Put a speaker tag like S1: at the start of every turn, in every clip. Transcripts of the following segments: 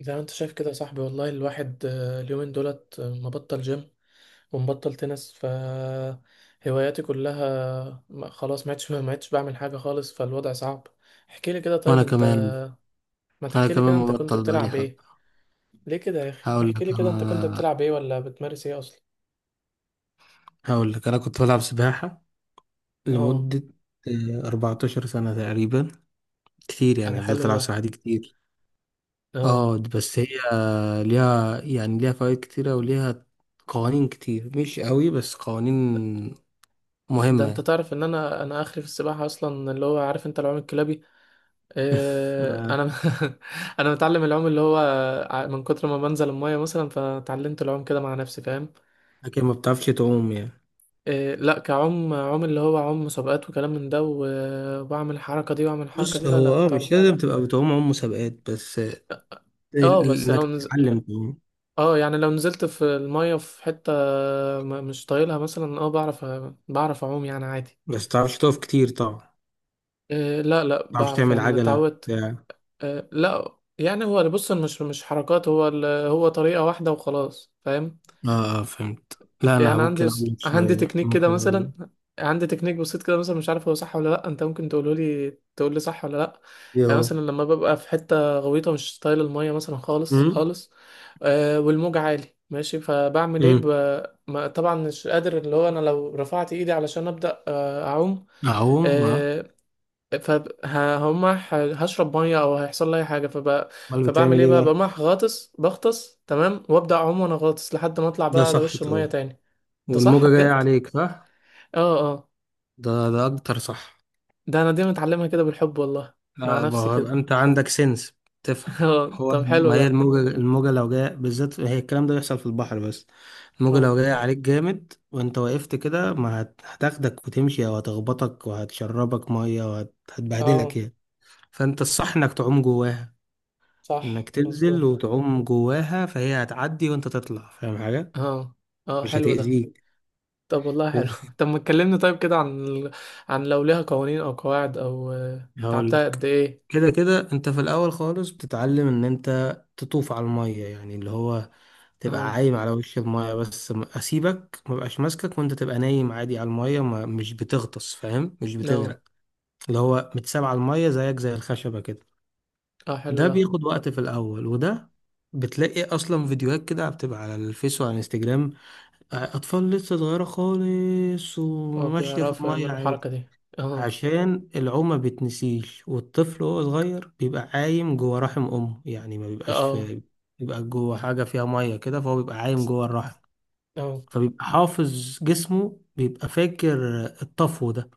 S1: زي ما انت شايف كده يا صاحبي والله الواحد اليومين دولت مبطل جيم ومبطل تنس هواياتي كلها خلاص ما عدتش بعمل حاجة خالص فالوضع صعب. احكي لي كده طيب
S2: وانا
S1: انت،
S2: كمان
S1: ما
S2: انا
S1: تحكي لي
S2: كمان
S1: كده انت كنت
S2: مبطل بقى لي
S1: بتلعب ايه؟
S2: حبه.
S1: ليه كده يا اخي؟
S2: هقول
S1: احكي
S2: لك
S1: لي كده انت كنت
S2: انا
S1: بتلعب ايه ولا بتمارس ايه اصلا؟
S2: هقول لك انا كنت بلعب سباحه
S1: اه.
S2: لمده 14 سنه تقريبا. كتير،
S1: ده
S2: يعني فضلت
S1: حلو
S2: العب
S1: ده.
S2: سباحه دي كتير.
S1: اه.
S2: اه بس هي ليها فوائد كتيره، وليها قوانين كتير مش قوي، بس قوانين
S1: ده انت
S2: مهمه.
S1: تعرف ان انا اخري في السباحة اصلا، اللي هو عارف انت العوم الكلابي.
S2: آه،
S1: انا. انا متعلم العوم اللي هو من كتر ما بنزل المايه مثلا فتعلمت العوم كده مع نفسي فاهم.
S2: لكن ما بتعرفش تعوم يعني؟
S1: لا كعوم عوم اللي هو عوم مسابقات وكلام من ده واعمل الحركه دي واعمل الحركه دي،
S2: بص،
S1: لا
S2: هو
S1: لا طبعا.
S2: مش لازم تبقى بتعوم عوم مسابقات بس.
S1: اه
S2: انك تتعلم تعوم
S1: اه يعني لو نزلت في المايه في حته مش طايلها مثلا، اه بعرف اعوم يعني عادي.
S2: بس، تعرفش تقف كتير طبعا، ما
S1: لا لا
S2: تعرفش
S1: بعرف،
S2: تعمل
S1: يعني أنا
S2: عجله
S1: اتعودت.
S2: بتاع.
S1: لا يعني هو بص، مش حركات، هو هو طريقه واحده وخلاص فاهم.
S2: اه، اه، فهمت. لا، انا
S1: يعني عندي،
S2: ممكن اقول
S1: عندي
S2: شويه،
S1: تكنيك كده
S2: ممكن اقول،
S1: مثلا، عندي تكنيك بسيط كده مثلا، مش عارف هو صح ولا لا. انت ممكن تقوله لي، تقول لي صح ولا لا.
S2: ايه
S1: يعني
S2: اهو.
S1: مثلا لما ببقى في حته غويطه مش طايل الميه مثلا خالص
S2: امم
S1: خالص، آه والموج عالي ماشي فبعمل ايه
S2: امم
S1: ما طبعا مش قادر. اللي هو انا لو رفعت ايدي علشان ابدا اعوم،
S2: اعوم، اه.
S1: آه، فهم، هشرب ميه او هيحصل لي اي حاجه
S2: امال
S1: فبعمل
S2: بتعمل
S1: ايه
S2: ايه
S1: بقى؟
S2: بقى؟
S1: بقوم رايح غاطس، بغطس تمام وابدا اعوم وانا غاطس لحد ما اطلع
S2: ده
S1: بقى على
S2: صح
S1: وش الميه
S2: طبعا،
S1: تاني. ده صح
S2: والموجه جايه
S1: بجد.
S2: عليك، صح.
S1: اه اه.
S2: ده اكتر صح.
S1: ده انا دي متعلمها كده بالحب والله، مع
S2: لا
S1: نفسي
S2: بقى،
S1: كده.
S2: انت عندك سنس، تفهم.
S1: اه
S2: هو
S1: طب حلو
S2: ما هي
S1: ده.
S2: الموجه لو جايه بالذات، هي الكلام ده بيحصل في البحر بس. الموجه
S1: اه
S2: لو جايه عليك جامد وانت وقفت كده، ما هتاخدك وتمشي، او هتخبطك وهتشربك ميه وهتبهدلك
S1: اه.
S2: يعني. فانت الصح انك تعوم جواها،
S1: صح
S2: انك تنزل
S1: مظبوط.
S2: وتعوم جواها، فهي هتعدي وانت تطلع، فاهم حاجة؟
S1: اه اه.
S2: مش
S1: حلو ده.
S2: هتأذيك.
S1: طب والله حلو.
S2: ومش-
S1: طب ما تكلمني طيب كده عن عن لو ليها قوانين او قواعد، او
S2: هقول
S1: تعبتها قد
S2: لك،
S1: ايه.
S2: كده كده انت في الاول خالص بتتعلم ان انت تطوف على المية، يعني اللي هو تبقى
S1: اه
S2: عايم على وش المية بس. اسيبك ما بقاش ماسكك، وانت تبقى نايم عادي على المية، ما مش بتغطس، فاهم، مش
S1: اه
S2: بتغرق. اللي هو متساب على المية زيك زي الخشبة كده.
S1: اه. حلو
S2: ده
S1: ده.
S2: بياخد وقت في الاول. وده بتلاقي اصلا فيديوهات كده بتبقى على الفيس وعلى الانستجرام، أطفال لسه صغيرة خالص
S1: اه
S2: وماشية في
S1: بيعرفوا
S2: المية
S1: يعملوا
S2: عادي.
S1: الحركة دي. اه
S2: عشان العومة بتنسيش، والطفل وهو صغير بيبقى عايم جوه رحم أمه، يعني ما بيبقاش
S1: اه
S2: بيبقى جوه حاجة فيها مية كده، فهو بيبقى عايم جوه الرحم.
S1: اه
S2: فبيبقى حافظ جسمه، بيبقى فاكر الطفو ده.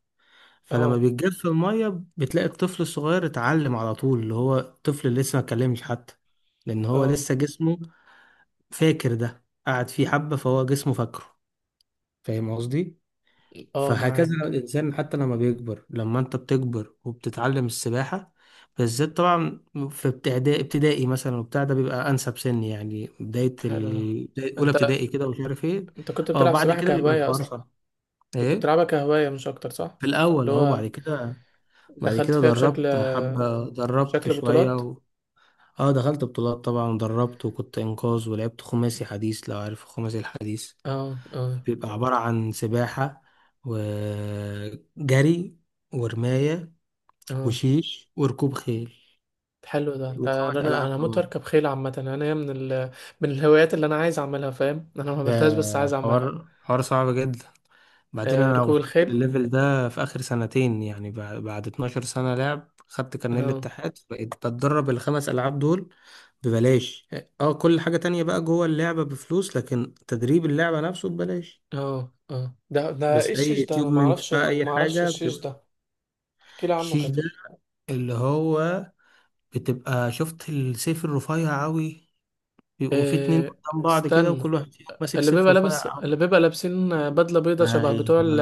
S2: فلما
S1: اه
S2: بيتجف المية، بتلاقي الطفل الصغير اتعلم على طول، اللي هو الطفل اللي لسه ما اتكلمش حتى، لأن هو
S1: اه
S2: لسه جسمه فاكر، ده قعد فيه حبة، فهو جسمه فاكره. فاهم قصدي؟
S1: اه
S2: فهكذا
S1: معاك.
S2: الإنسان، حتى لما بيكبر، لما أنت بتكبر وبتتعلم السباحة بالذات طبعا، في ابتدائي مثلا وبتاع، ده بيبقى أنسب سن، يعني
S1: حلو ده.
S2: أولى
S1: انت،
S2: ابتدائي كده ومش عارف إيه.
S1: انت كنت
S2: أه،
S1: بتلعب
S2: بعد
S1: سباحة
S2: كده بيبقى
S1: كهواية
S2: الحوار
S1: اصلا؟
S2: صعب.
S1: كنت
S2: إيه؟
S1: بتلعبها كهواية مش أكتر صح؟
S2: في
S1: اللي
S2: الأول أهو، بعد
S1: هو
S2: كده.
S1: دخلت فيها بشكل،
S2: دربت حبة، دربت
S1: بشكل
S2: شوية
S1: بطولات.
S2: و... أه، دخلت بطولات طبعا، دربت وكنت إنقاذ ولعبت خماسي حديث، لو عارف خماسي الحديث.
S1: اه اه
S2: بيبقى عبارة عن سباحة وجري ورماية
S1: اه.
S2: وشيش وركوب خيل،
S1: حلو ده. ده
S2: وخمس
S1: انا
S2: ألعاب
S1: انا
S2: في
S1: هموت
S2: بعض.
S1: واركب خيل عامة. انا هي من من الهوايات اللي انا عايز اعملها فاهم. انا ما عملتهاش بس
S2: ده
S1: عايز اعملها.
S2: حوار حوار صعب جدا. بعدين
S1: آه
S2: أنا
S1: ركوب
S2: وصلت
S1: الخيل.
S2: للليفل ده في آخر سنتين، يعني بعد 12 سنة لعب، خدت كارنيه
S1: اه
S2: الاتحاد بقيت بتدرب الخمس ألعاب دول ببلاش. اه، كل حاجة تانية بقى جوه اللعبة بفلوس، لكن تدريب اللعبة نفسه ببلاش.
S1: اه اه. ده ايه
S2: بس أي
S1: الشيش ده؟ انا ما
S2: اكيوبمنت
S1: اعرفش
S2: بقى، أي
S1: ما اعرفش
S2: حاجة
S1: الشيش
S2: بتبقى.
S1: ده. احكي لي عنه
S2: الشيش
S1: كده.
S2: ده، اللي هو بتبقى، شفت السيف الرفيع أوي، بيبقوا في اتنين
S1: آه
S2: قدام بعض كده،
S1: استنى.
S2: وكل واحد فيهم ماسك صفر وفرق.
S1: اللي بيبقى لابسين بدلة بيضة شبه بتوع
S2: ايوه،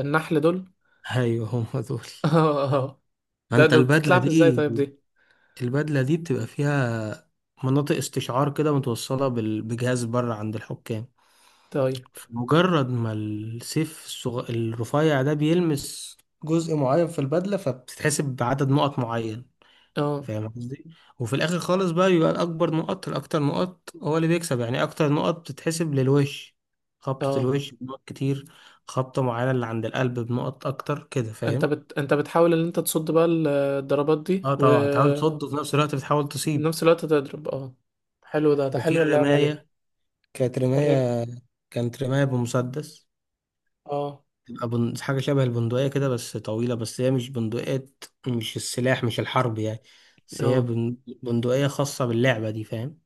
S1: النحل دول.
S2: ايوه، هم دول.
S1: ده
S2: انت
S1: ده
S2: البدله
S1: بتتلعب ازاي طيب
S2: دي
S1: دي؟
S2: البدله دي بتبقى فيها مناطق استشعار كده متوصله بجهاز بره عند الحكام.
S1: طيب
S2: مجرد ما السيف الرفيع ده بيلمس جزء معين في البدله، فبتتحسب بعدد نقط معين،
S1: اه
S2: فاهم قصدي؟ وفي الاخر خالص بقى، يبقى الاكبر نقط الاكتر نقط هو اللي بيكسب، يعني اكتر نقط بتتحسب للوش، خبطة
S1: اه.
S2: الوش بنقط كتير، خبطة معينة اللي عند القلب بنقط اكتر كده،
S1: انت
S2: فاهم؟
S1: انت بتحاول ان انت تصد بقى الضربات دي،
S2: اه طبعا، تحاول
S1: وفي
S2: تصد، وفي نفس الوقت بتحاول تصيب.
S1: نفس الوقت تضرب اه. حلو ده. ده
S2: وفي
S1: حلوه اللعبه دي.
S2: الرماية، كانت
S1: الرم.
S2: رماية كانت رماية بمسدس.
S1: اه
S2: تبقى حاجة شبه البندقية كده بس طويلة، بس هي مش بندقية، مش السلاح، مش الحرب يعني، بس هي
S1: اه
S2: بندقية خاصة باللعبة دي، فاهم؟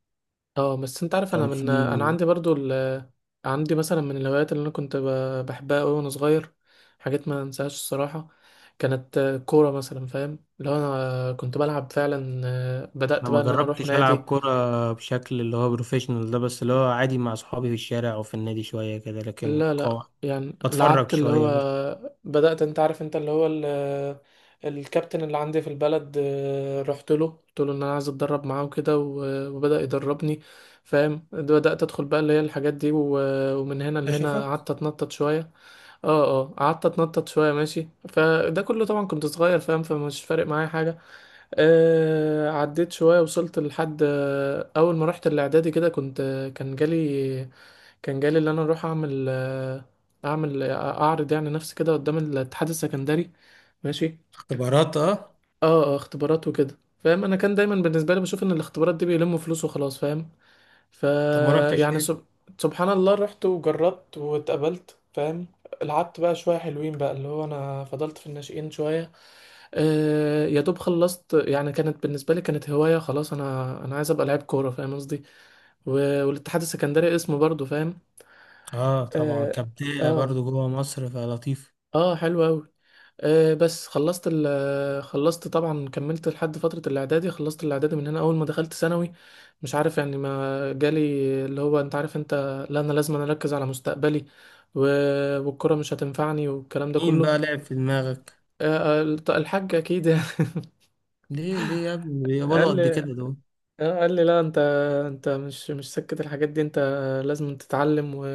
S1: اه. بس انت عارف انا،
S2: كان في
S1: من انا عندي برضو عندي مثلا من الهوايات اللي انا كنت بحبها قوي وانا صغير، حاجات ما انساهاش الصراحه. كانت كوره مثلا فاهم، لو انا كنت بلعب فعلا
S2: انا
S1: بدأت
S2: ما
S1: بقى ان انا اروح
S2: جربتش العب
S1: نادي.
S2: كرة بشكل اللي هو بروفيشنال ده، بس اللي هو عادي مع اصحابي في الشارع او في النادي شوية كده، لكن
S1: لا لا
S2: قوة
S1: يعني
S2: بتفرج
S1: لعبت اللي هو،
S2: شوية بس.
S1: بدأت انت عارف انت اللي هو الكابتن اللي عندي في البلد رحت له قلت له ان انا عايز اتدرب معاه وكده، وبدأ يدربني فاهم. بدأت ادخل بقى اللي هي الحاجات دي ومن هنا لهنا
S2: اشوفك.
S1: قعدت اتنطط شوية. اه اه، قعدت اتنطط شوية ماشي، فده كله طبعا كنت صغير فاهم، فمش فارق معايا حاجة. آه عديت شوية وصلت لحد اول ما رحت الاعدادي كده كنت، كان جالي كان جالي اللي انا اروح اعمل اعمل اعرض يعني نفسي كده قدام الاتحاد السكندري، ماشي.
S2: اختبارات، اه.
S1: اه اه اختبارات وكده. فاهم، انا كان دايما بالنسبه لي بشوف ان الاختبارات دي بيلموا فلوس وخلاص فاهم. ف
S2: طب ما رحتش
S1: يعني
S2: ليه؟
S1: سبحان الله رحت وجربت واتقبلت فاهم. لعبت بقى شويه حلوين بقى، اللي هو انا فضلت في الناشئين شويه. آه يا دوب خلصت يعني، كانت بالنسبه لي كانت هوايه خلاص. انا انا عايز ابقى لعيب كوره فاهم قصدي. و... والاتحاد السكندري اسمه برضو فاهم.
S2: اه طبعا،
S1: اه.
S2: كبداية
S1: آه.
S2: برضو جوه مصر فلطيف.
S1: اه حلو قوي. آه بس خلصت ال خلصت طبعا، كملت لحد فترة الإعدادي، خلصت الإعدادي، من هنا أول ما دخلت ثانوي، مش عارف يعني ما جالي، اللي هو أنت عارف أنت، لا أنا لازم أنا أركز على مستقبلي، و... والكرة مش هتنفعني والكلام ده
S2: مين
S1: كله.
S2: بقى لعب في دماغك؟
S1: آه. الحاج أكيد يعني.
S2: ليه ليه يا ابني؟ بيقبضوا
S1: قال
S2: قد
S1: لي،
S2: كده دول.
S1: قال لي لا انت، انت مش سكت الحاجات دي، انت لازم تتعلم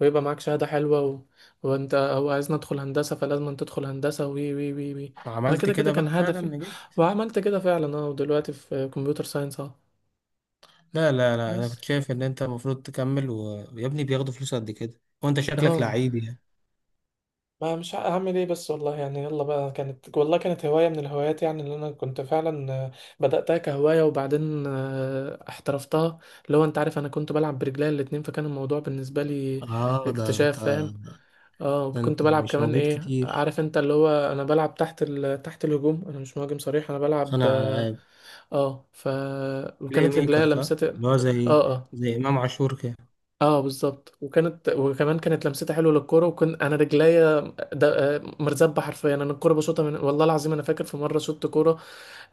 S1: ويبقى معاك شهادة حلوة وانت هو عايزني ادخل هندسة، فلازم انت تدخل هندسة، وي وي وي وي. انا
S2: عملت
S1: كده كده
S2: كده
S1: كان
S2: بقى فعلا،
S1: هدفي.
S2: نجحت.
S1: وعملت كده فعلا اه. ودلوقتي في كمبيوتر ساينس اه.
S2: لا لا لا، انا
S1: بس
S2: كنت شايف ان انت المفروض تكمل، ويا ابني بياخدوا فلوس قد كده وانت شكلك
S1: اه.
S2: لعيب يعني.
S1: ما مش ع- هعمل ايه بس والله يعني، يلا بقى. كانت والله كانت هواية من الهوايات يعني، اللي انا كنت فعلا بدأتها كهواية وبعدين احترفتها. اللي هو انت عارف، انا كنت بلعب برجلي الاتنين، فكان الموضوع بالنسبة لي
S2: اه، ده انت
S1: اكتشاف فاهم. اه.
S2: ده
S1: وكنت
S2: انت
S1: بلعب
S2: مش
S1: كمان
S2: موجود
S1: ايه
S2: كتير،
S1: عارف انت، اللي هو انا بلعب تحت تحت الهجوم، انا مش مهاجم صريح، انا بلعب
S2: صانع
S1: اه.
S2: ألعاب،
S1: آه، ف
S2: بلاي
S1: وكانت رجليا
S2: ميكر،
S1: لمست
S2: صح؟
S1: اه.
S2: اللي هو زي
S1: آه.
S2: زي إمام عاشور كده.
S1: اه بالظبط، وكانت وكمان كانت لمستها حلوه للكوره، وكنت انا رجليا مرزبه حرفيا. انا الكوره بشوطها من والله العظيم، انا فاكر في مره شوت كوره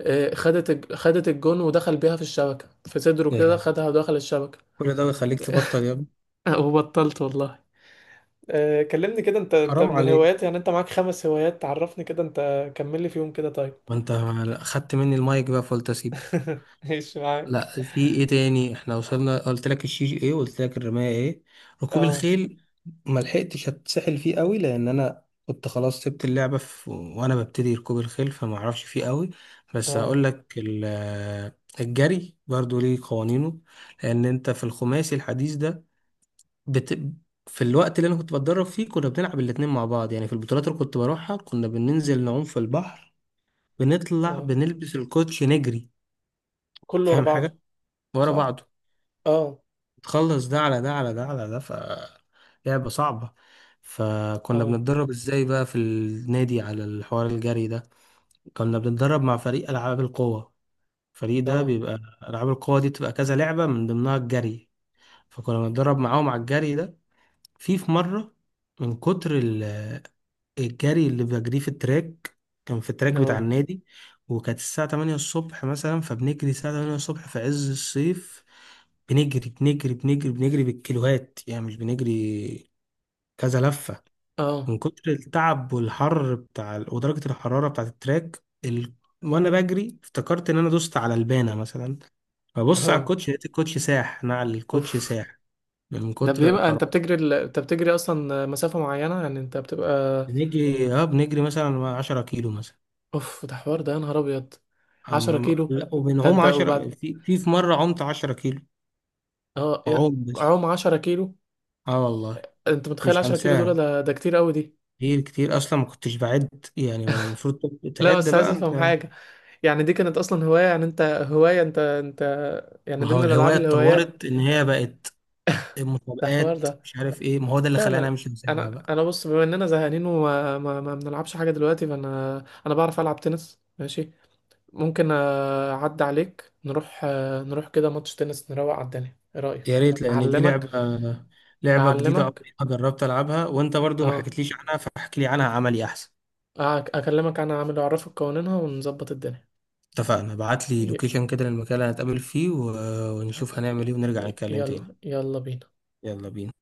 S1: خدت الجون ودخل بيها في الشبكه، في صدره
S2: يا
S1: كده
S2: لا،
S1: خدها ودخل الشبكه.
S2: كل ده بيخليك تبطل يا ابني.
S1: وبطلت والله. كلمني كده انت، انت
S2: حرام
S1: من
S2: عليك،
S1: الهوايات يعني، انت معاك خمس هوايات، تعرفني كده انت، كمل لي فيهم كده طيب.
S2: ما أنت أخدت مني المايك بقى فقلت أسيبك.
S1: ايش معاك.
S2: لا، في إيه تاني؟ إحنا وصلنا، قلت لك الشيش إيه، وقلت لك الرماية إيه. ركوب
S1: اه
S2: الخيل ما لحقتش أتسحل فيه قوي، لأن أنا كنت خلاص سبت اللعبة وأنا ببتدي ركوب الخيل، فما أعرفش فيه قوي. بس
S1: اه
S2: هقول لك الجري برضو ليه قوانينه، لأن أنت في الخماسي الحديث ده بت... في الوقت اللي انا كنت بتدرب فيه، كنا بنلعب الاتنين مع بعض، يعني في البطولات اللي كنت بروحها كنا بننزل نعوم في البحر، بنطلع
S1: اه
S2: بنلبس الكوتشي نجري،
S1: كله ورا
S2: فاهم
S1: بعضه.
S2: حاجة؟ ورا
S1: صح.
S2: بعضه،
S1: اه
S2: تخلص ده على ده على ده على ده، ف لعبة صعبة. فكنا
S1: اه
S2: بنتدرب ازاي بقى في النادي على الحوار الجري ده؟ كنا بنتدرب مع فريق ألعاب القوة، الفريق ده
S1: اه
S2: بيبقى، ألعاب القوة دي بتبقى كذا لعبة، من ضمنها الجري، فكنا بنتدرب معاهم على الجري ده. في مرة، من كتر الجري اللي بجريه في التراك، كان في التراك بتاع
S1: اه
S2: النادي، وكانت الساعة 8 الصبح مثلا، فبنجري الساعة 8 الصبح في عز الصيف. بنجري بنجري بنجري بنجري بالكيلوهات، يعني مش بنجري كذا لفة.
S1: اه.
S2: من كتر التعب والحر بتاع ودرجة الحرارة بتاعة التراك ال... وأنا بجري افتكرت إن أنا دوست على البانة مثلا، ببص على
S1: اه.
S2: الكوتش، لقيت الكوتش ساح، نعل الكوتش
S1: اوف.
S2: ساح من
S1: ده
S2: كتر
S1: بيبقى انت
S2: الحرارة.
S1: انت بتجري اصلا مسافة معينة يعني، انت بتبقى.
S2: بنجري مثلا 10 كيلو.
S1: اوف ده حوار ده، يا نهار ابيض. 10 كيلو؟
S2: لا،
S1: ده
S2: وبنعوم
S1: انت
S2: 10،
S1: وبعد.
S2: في مرة عمت 10 كيلو،
S1: اه
S2: عوم بس.
S1: عوم 10 كيلو.
S2: اه والله،
S1: انت متخيل
S2: مش
S1: 10 كيلو دول؟
S2: هنساها.
S1: ده كتير قوي دي.
S2: كتير كتير اصلا، ما كنتش بعد يعني، ما المفروض
S1: لا
S2: تعد
S1: بس عايز
S2: بقى
S1: افهم
S2: انت.
S1: حاجة، يعني دي كانت اصلا هواية يعني، انت هواية انت يعني،
S2: ما هو
S1: ضمن
S2: الهواية
S1: الالعاب الهوايات.
S2: اتطورت ان هي بقت
S1: ده حوار
S2: مسابقات،
S1: ده.
S2: مش عارف ايه، ما هو ده اللي
S1: لا
S2: خلاني
S1: لا.
S2: مش هسيبها
S1: انا
S2: بقى.
S1: انا بص، بما اننا زهقانين وما ما ما بنلعبش حاجة دلوقتي فانا، انا بعرف العب تنس ماشي. ممكن اعدي عليك نروح، نروح كده ماتش تنس نروق على الدنيا. ايه رأيك؟
S2: يا ريت، لان دي
S1: اعلمك.
S2: لعبة جديدة،
S1: اعلمك
S2: عمري ما جربت العبها، وانت برضو ما
S1: اه.
S2: حكيتليش عنها، فاحكي لي عنها عملي احسن.
S1: اكلمك انا، عامل اعرفك قوانينها ونظبط الدنيا.
S2: اتفقنا، ابعت لي
S1: ي-
S2: لوكيشن كده للمكان اللي هنتقابل فيه، ونشوف
S1: يعني،
S2: هنعمل ايه، ونرجع نتكلم تاني.
S1: يلا يلا بينا.
S2: يلا بينا.